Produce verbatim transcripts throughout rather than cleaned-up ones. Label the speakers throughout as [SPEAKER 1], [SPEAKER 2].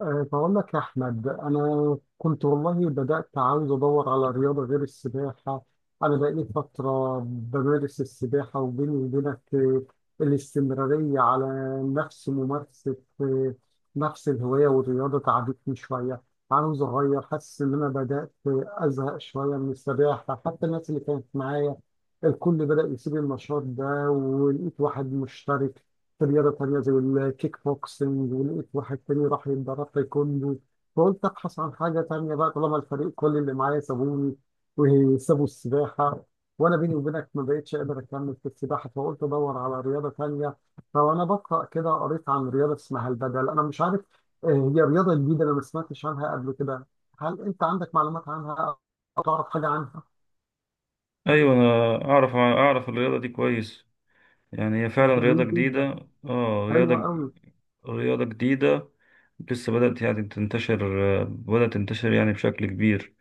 [SPEAKER 1] أه، بقول لك يا أحمد، أنا كنت والله بدأت عاوز أدور على رياضة غير السباحة. أنا بقالي فترة بمارس السباحة، وبيني وبينك أه، الاستمرارية على نفس ممارسة أه، نفس الهواية والرياضة تعبتني شوية. عاوز أغير، حاسس إن أنا بدأت آه، أزهق شوية من السباحة. حتى الناس اللي كانت معايا الكل بدأ يسيب النشاط ده، ولقيت واحد مشترك في رياضة تانية زي الكيك بوكسنج، ولقيت واحد تاني راح يتدرب تايكوندو. فقلت أبحث عن حاجة تانية بقى طالما الفريق كل اللي معايا سابوني وسابوا السباحة، وأنا بيني وبينك ما بقتش قادر أكمل في السباحة، فقلت أدور على رياضة تانية. فأنا بقرأ كده، قريت عن رياضة اسمها البدل، أنا مش عارف آه، هي رياضة جديدة، أنا ما سمعتش عنها قبل كده. هل أنت عندك معلومات عنها أو تعرف حاجة عنها؟
[SPEAKER 2] ايوه انا اعرف اعرف الرياضه دي كويس. يعني هي فعلا رياضه
[SPEAKER 1] جميل جدا.
[SPEAKER 2] جديده، اه، رياضه
[SPEAKER 1] حلوة أوي.
[SPEAKER 2] رياضه جديده لسه بدات يعني تنتشر، آه، بدات تنتشر يعني بشكل كبير.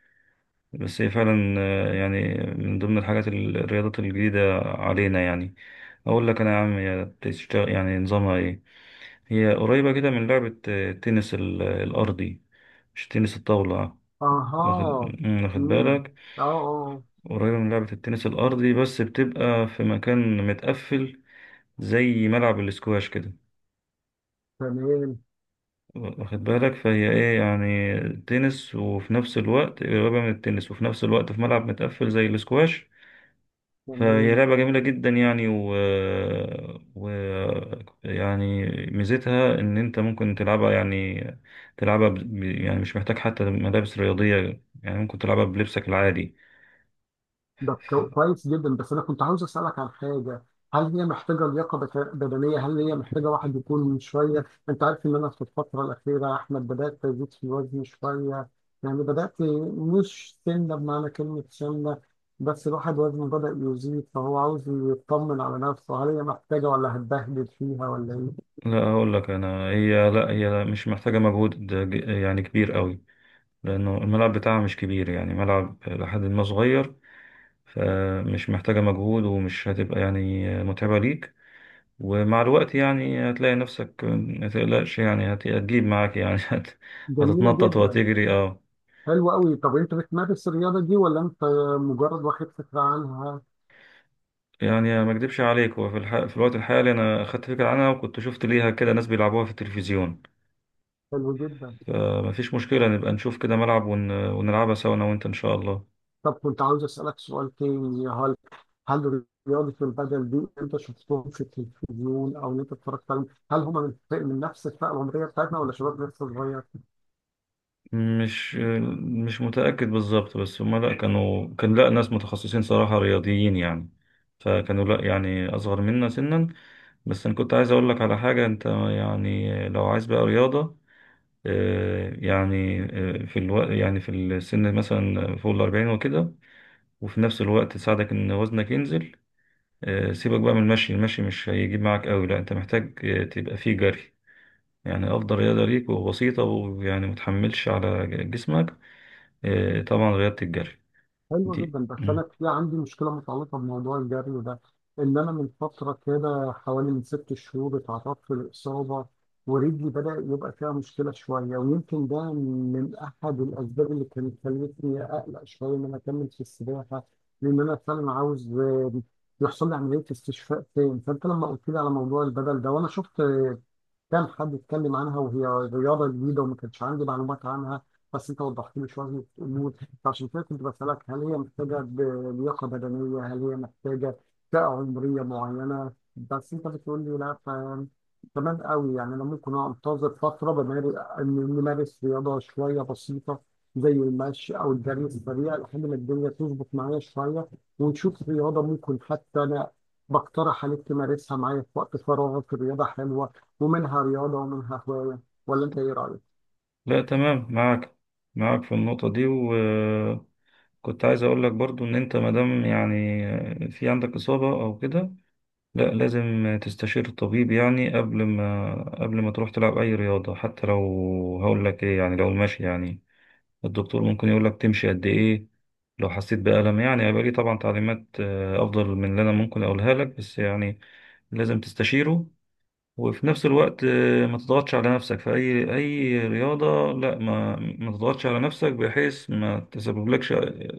[SPEAKER 2] بس هي فعلا، آه، يعني من ضمن الحاجات ال- الرياضات الجديده علينا. يعني اقول لك انا يا عم هي بتشتغل يعني نظامها ايه. هي قريبه كده من لعبه، آه، التنس ال- الارضي، مش تنس الطاوله. واخد
[SPEAKER 1] أها.
[SPEAKER 2] واخد
[SPEAKER 1] مم.
[SPEAKER 2] بالك؟
[SPEAKER 1] أه أه آه.
[SPEAKER 2] قريبة من لعبة التنس الأرضي بس بتبقى في مكان متقفل زي ملعب الاسكواش كده.
[SPEAKER 1] تمام
[SPEAKER 2] واخد بالك؟ فهي ايه يعني؟ تنس، وفي نفس الوقت قريبة من التنس، وفي نفس الوقت في ملعب متقفل زي الاسكواش. فهي
[SPEAKER 1] تمام.
[SPEAKER 2] لعبة جميلة جدا يعني و... و يعني ميزتها ان انت ممكن تلعبها، يعني تلعبها ب... يعني مش محتاج حتى ملابس رياضية. يعني ممكن تلعبها بلبسك العادي.
[SPEAKER 1] ده كو- كويس جدا، بس انا كنت عاوز اسالك عن حاجه. هل هي محتاجه لياقه بت- بدنيه؟ هل هي محتاجه واحد يكون شويه، انت عارف ان انا في الفتره الاخيره يا احمد بدات ازيد في وزني شويه. يعني بدات، مش سنه بمعنى كلمه سنه، بس الواحد وزنه بدا يزيد، فهو عاوز يطمن على نفسه. هل هي محتاجه ولا هتبهدل فيها ولا ايه؟
[SPEAKER 2] لا، هقول لك انا، هي لا، هي مش محتاجه مجهود ج- يعني كبير قوي، لانه الملعب بتاعها مش كبير، يعني ملعب لحد ما صغير. فمش محتاجه مجهود، ومش هتبقى يعني متعبه ليك. ومع الوقت يعني هتلاقي نفسك، ما تقلقش، يعني هت- هتجيب معاك يعني هت-
[SPEAKER 1] جميله
[SPEAKER 2] هتتنطط
[SPEAKER 1] جدا.
[SPEAKER 2] وهتجري، اه.
[SPEAKER 1] حلوه قوي. طب انت بتمارس الرياضه دي ولا انت مجرد واخد فكره عنها؟
[SPEAKER 2] يعني ما اكدبش عليك، وفي الح... في الوقت الحالي انا اخدت فكره عنها، وكنت شفت ليها كده ناس بيلعبوها في التلفزيون.
[SPEAKER 1] حلو جدا.
[SPEAKER 2] فما فيش مشكله، نبقى نشوف كده ملعب ون... ونلعبها سوا انا وانت ان شاء الله.
[SPEAKER 1] طب كنت عاوز اسالك سؤال تاني، يا هل هل رياضه البدل دي انت شفتهم في التلفزيون او إن انت اتفرجت عليهم، هل هم من, من نفس الفئه العمريه بتاعتنا ولا شباب لسه صغير؟
[SPEAKER 2] مش مش متأكد بالظبط، بس هما لا كانوا، كان لا، ناس متخصصين صراحة رياضيين يعني. فكانوا لا يعني أصغر منا سنا. بس أنا كنت عايز أقول لك على حاجة. أنت يعني لو عايز بقى رياضة، آه، يعني آه، في الوقت، يعني في السن مثلا فوق الأربعين وكده، وفي نفس الوقت تساعدك إن وزنك ينزل، آه، سيبك بقى من المشي. المشي مش هيجيب معاك قوي، لا أنت محتاج آه، تبقى فيه جري. يعني أفضل رياضة ليك، وبسيطة، ويعني متحملش على جسمك، إيه، طبعا رياضة الجري
[SPEAKER 1] حلو
[SPEAKER 2] دي.
[SPEAKER 1] جدا. بس انا
[SPEAKER 2] مم.
[SPEAKER 1] في عندي مشكله متعلقه بموضوع الجري ده. ان انا من فتره كده حوالي من ست شهور اتعرضت لاصابه، ورجلي بدا يبقى فيها مشكله شويه، ويمكن ده من احد الاسباب اللي كانت خلتني اقلق شويه ان انا اكمل في السباحه، لان انا فعلا عاوز آه، يحصل لي عمليه استشفاء تاني. فانت لما قلت لي على موضوع البدل ده وانا شفت، كان حد اتكلم عنها وهي رياضة جديدة وما كانش عندي معلومات عنها، بس انت وضحت لي شوية امور. فعشان كده كنت بسألك هل هي محتاجة ب- لياقة بدنية، هل هي محتاجة فئة عمرية معينة. بس انت بتقول لي لا، ف تمام قوي. يعني انا ممكن انتظر فترة بمار- إن- نمارس رياضة شوية بسيطة زي المشي او الجري السريع لحد ما الدنيا تظبط معايا شوية، ونشوف رياضة ممكن حتى انا بقترح عليك تمارسها معايا في وقت فراغك. الرياضة حلوة، ومنها رياضة ومنها هواية. ولا أنت إيه رأيك؟
[SPEAKER 2] لا تمام، معاك، معاك في النقطة دي. وكنت عايز أقول لك برضو إن أنت مادام يعني في عندك إصابة أو كده، لا، لازم تستشير الطبيب يعني قبل ما قبل ما تروح تلعب أي رياضة. حتى لو، هقول لك إيه، يعني لو المشي، يعني الدكتور ممكن يقول لك تمشي قد إيه. لو حسيت بألم يعني هيبقى ليه طبعا تعليمات، آه، أفضل من اللي أنا ممكن أقولها لك. بس يعني لازم تستشيره. وفي نفس الوقت، آه، ما تضغطش على نفسك في أي أي رياضة. لا ما ما تضغطش على نفسك، بحيث ما تسببلكش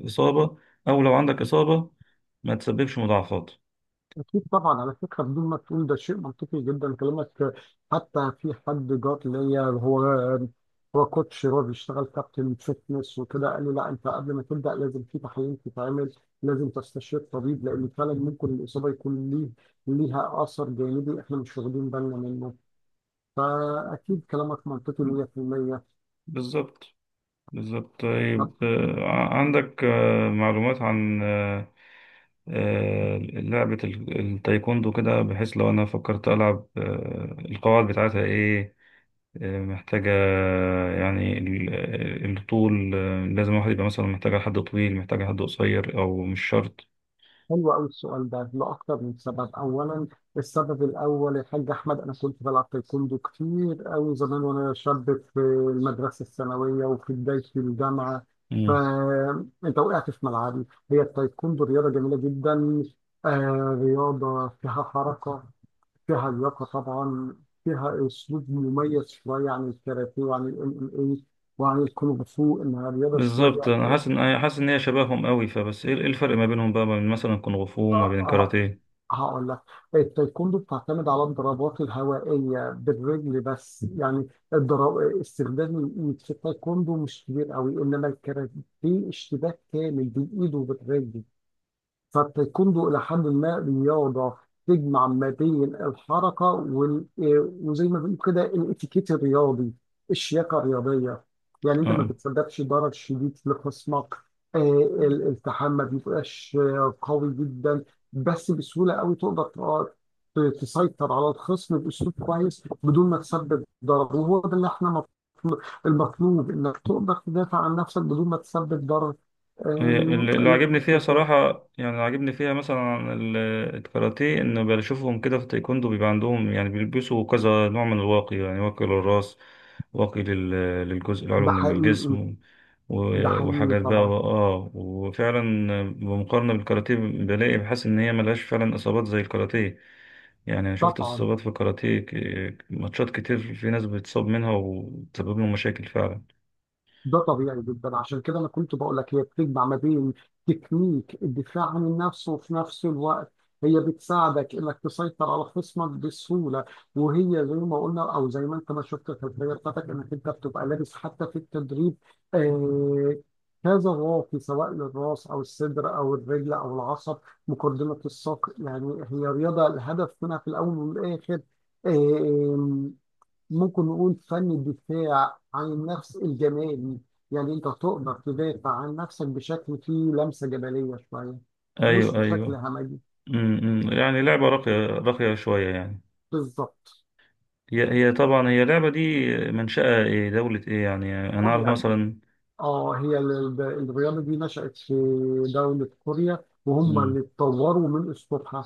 [SPEAKER 2] إصابة، أو لو عندك إصابة ما تسببش مضاعفات.
[SPEAKER 1] أكيد طبعا. على فكرة بدون ما تقول، ده شيء منطقي جدا كلامك. حتى في حد جات ليا، هو هو كوتش، هو بيشتغل كابتن فيتنس وكده، قال لي لا، أنت قبل ما تبدأ لازم في تحاليل تتعمل، لازم تستشير طبيب، لأن فعلا ممكن الإصابة يكون ليه ليها أثر جانبي إحنا مش واخدين بالنا منه. فأكيد كلامك منطقي مية بالمية.
[SPEAKER 2] بالظبط بالظبط. طيب، آه، ع- عندك آه، معلومات عن آه، آه، لعبة ال- التايكوندو كده؟ بحيث لو أنا فكرت ألعب، آه، القواعد بتاعتها إيه؟ محتاجة يعني ال- الطول؟ لازم الواحد يبقى مثلا، محتاجة حد طويل، محتاجة حد قصير، أو مش شرط؟
[SPEAKER 1] حلو قوي السؤال ده لأكتر من سبب، أولاً السبب الأول يا حاج أحمد، أنا كنت بلعب تايكوندو كتير قوي زمان وأنا شاب في المدرسة الثانوية وفي بداية الجامعة.
[SPEAKER 2] مم.
[SPEAKER 1] فأنت وقعت في ملعبي، هي التايكوندو رياضة جميلة جدا، آه رياضة فيها حركة، فيها لياقة طبعاً، فيها أسلوب مميز شوية عن الكاراتيه وعن ال إم إم إيه وعن الكونغ فو، إنها رياضة
[SPEAKER 2] بالظبط،
[SPEAKER 1] شوية.
[SPEAKER 2] أنا حاسس إن، أنا حاسس إن هي شبههم قوي، فبس إيه، إيه الفرق ما بينهم بقى، ما بين مثلا كونغ فو وما
[SPEAKER 1] آه،
[SPEAKER 2] بين
[SPEAKER 1] آه،
[SPEAKER 2] كاراتيه؟
[SPEAKER 1] هقول لك، التايكوندو بتعتمد على الضربات الهوائية بالرجل بس يعني. الضرب، استخدام الإيد في التايكوندو مش كبير قوي، إنما الكاراتيه اشتباك كامل بالإيد وبالرجل. فالتايكوندو إلى حد ما رياضة تجمع ما بين الحركة وال... آه، وزي ما بنقول كده الاتيكيت الرياضي، الشياكة الرياضية. يعني أنت ما
[SPEAKER 2] آه.
[SPEAKER 1] بتسببش ضرر شديد لخصمك. آه، ال- الالتحام ما بيبقاش آه، قوي جدا، بس بسهولة قوي تقدر ت- ت- تسيطر على الخصم بأسلوب كويس بدون ما تسبب ضرر، وهو ده اللي احنا مطلوب المطلوب إنك تقدر تدافع عن نفسك بدون ما تسبب ضرر
[SPEAKER 2] هي،
[SPEAKER 1] آم،
[SPEAKER 2] اللي اللي عاجبني
[SPEAKER 1] للخصم.
[SPEAKER 2] فيها صراحة، يعني اللي عاجبني فيها مثلا، ال- الكاراتيه، إن بشوفهم كده في التايكوندو بيبقى عندهم، يعني بيلبسوا كذا نوع من الواقي، يعني واقي للراس، واقي لل- للجزء العلوي
[SPEAKER 1] ده
[SPEAKER 2] من
[SPEAKER 1] حقيقي.
[SPEAKER 2] الجسم،
[SPEAKER 1] ده
[SPEAKER 2] و-
[SPEAKER 1] حقيقي
[SPEAKER 2] وحاجات بقى،
[SPEAKER 1] طبعا.
[SPEAKER 2] اه وفعلا بمقارنة بالكاراتيه بلاقي، بحس إن هي ملهاش فعلا إصابات زي الكاراتيه. يعني أنا شفت
[SPEAKER 1] طبعا،
[SPEAKER 2] إصابات في الكاراتيه، ك- ماتشات كتير، في ناس بتصاب منها وتسبب لهم مشاكل فعلا.
[SPEAKER 1] ده طبيعي جدا، عشان كده انا كنت بقول لك هي بتجمع ما بين تكنيك الدفاع عن النفس وفي نفس الوقت هي بتساعدك انك تسيطر على خصمك بسهوله. وهي زي ما قلنا او زي ما انت ما شفت في البدايه بتاعتك انك انت بتبقى لابس حتى في التدريب آه كذا واقي، سواء للراس او الصدر او الرجل او العصب، مقدمه الساق يعني. هي رياضه الهدف منها في الاول والاخر ممكن نقول فن الدفاع عن النفس الجمالي، يعني انت تقدر تدافع عن نفسك بشكل فيه لمسة جمالية شوية، مش
[SPEAKER 2] أيوه
[SPEAKER 1] بشكل
[SPEAKER 2] أيوه.
[SPEAKER 1] همجي.
[SPEAKER 2] امم، يعني لعبة راقية، راقية شوية يعني.
[SPEAKER 1] بالظبط.
[SPEAKER 2] هي هي طبعا هي اللعبة دي منشأة ايه، دولة ايه؟ يعني انا اعرف
[SPEAKER 1] كوريا.
[SPEAKER 2] مثلا.
[SPEAKER 1] اه هي ال- ال- الرياضة دي نشأت في دولة كوريا، وهم
[SPEAKER 2] امم،
[SPEAKER 1] اللي اتطوروا من أسلوبها.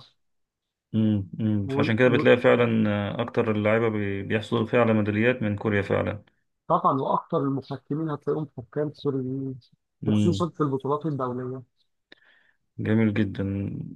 [SPEAKER 2] امم امم فعشان كده
[SPEAKER 1] وال-
[SPEAKER 2] بتلاقي فعلا، آه، اكتر اللعيبة بي- بيحصلوا فعلا ميداليات من كوريا فعلا.
[SPEAKER 1] وطبعا وأكثر المحكمين هتلاقيهم حكام كوريين،
[SPEAKER 2] امم.
[SPEAKER 1] وخصوصا في البطولات الدولية.
[SPEAKER 2] جميل جدا.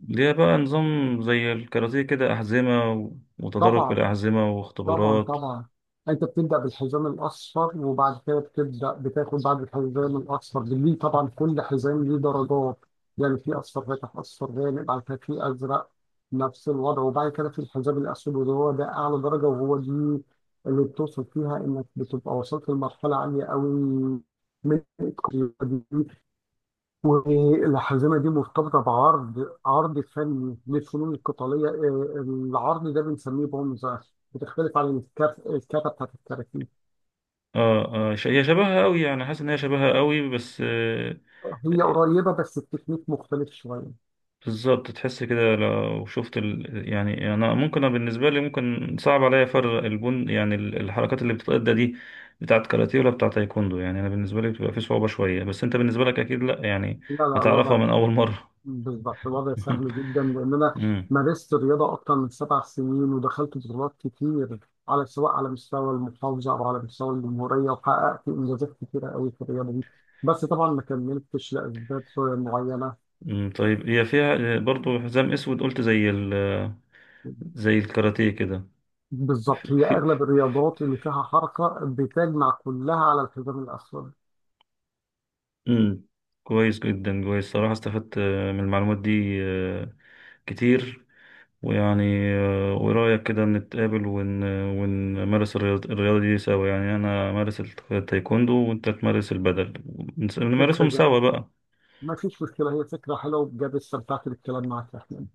[SPEAKER 2] ليها بقى نظام زي الكاراتيه كده، أحزمة و- وتدرج في
[SPEAKER 1] طبعا.
[SPEAKER 2] الأحزمة
[SPEAKER 1] طبعا
[SPEAKER 2] واختبارات؟
[SPEAKER 1] طبعا. انت بتبدا بالحزام الاصفر، وبعد كده بتبدا بتاخد بعد الحزام الاصفر. ليه؟ طبعا كل حزام ليه درجات، يعني في اصفر فاتح، اصفر غامق، بعد كده في ازرق نفس الوضع، وبعد كده في الحزام الاسود، وهو ده اعلى درجه، وهو دي اللي بتوصل فيها انك بتبقى وصلت لمرحله عاليه قوي من التقدير. والحزمه دي مرتبطه بعرض، عرض فني للفنون القتاليه، آه، العرض ده بنسميه بونزا، بتختلف عن الكف... الكفه بتاعت الكاراتيه.
[SPEAKER 2] اه اه ش- هي شبهها قوي، يعني حاسس ان هي شبهها قوي، بس آه،
[SPEAKER 1] هي قريبه بس التكنيك مختلف شويه.
[SPEAKER 2] بالظبط. تحس كده لو شفت ال... يعني انا ممكن، أنا بالنسبه لي ممكن صعب عليا فرق البن، يعني ال- الحركات اللي بتتأدى دي بتاعت كاراتيه ولا بتاعت تايكوندو. يعني انا بالنسبه لي بتبقى في صعوبه شويه، بس انت بالنسبه لك اكيد لا يعني
[SPEAKER 1] لا لا،
[SPEAKER 2] هتعرفها
[SPEAKER 1] الوضع
[SPEAKER 2] من اول مره.
[SPEAKER 1] بالظبط، الوضع سهل جدا لان انا
[SPEAKER 2] امم.
[SPEAKER 1] مارست الرياضه اكتر من سبع سنين، ودخلت بطولات كتير على سواء على مستوى المحافظه او على مستوى الجمهوريه، وحققت انجازات كتيره قوي في الرياضه دي، بس طبعا ما كملتش لاسباب معينه.
[SPEAKER 2] أمم، طيب هي فيها برضو حزام اسود قلت زي ال... زي الكاراتيه كده؟ في...
[SPEAKER 1] بالظبط، هي
[SPEAKER 2] في...
[SPEAKER 1] اغلب الرياضات اللي فيها حركه بتجمع كلها على الحزام الاسود.
[SPEAKER 2] أمم، كويس جدا، كويس صراحه، استفدت من المعلومات دي كتير. ويعني آه، ورأيك كده نتقابل ون... ونمارس الرياض- الرياضة دي سوا، يعني أنا أمارس الت- التايكوندو وأنت تمارس البدل، ونس-
[SPEAKER 1] فكره
[SPEAKER 2] نمارسهم
[SPEAKER 1] جا.
[SPEAKER 2] سوا بقى.
[SPEAKER 1] ما فيش مشكله، هي فكره حلوه بجد، استمتعت بالكلام معك يا احمد.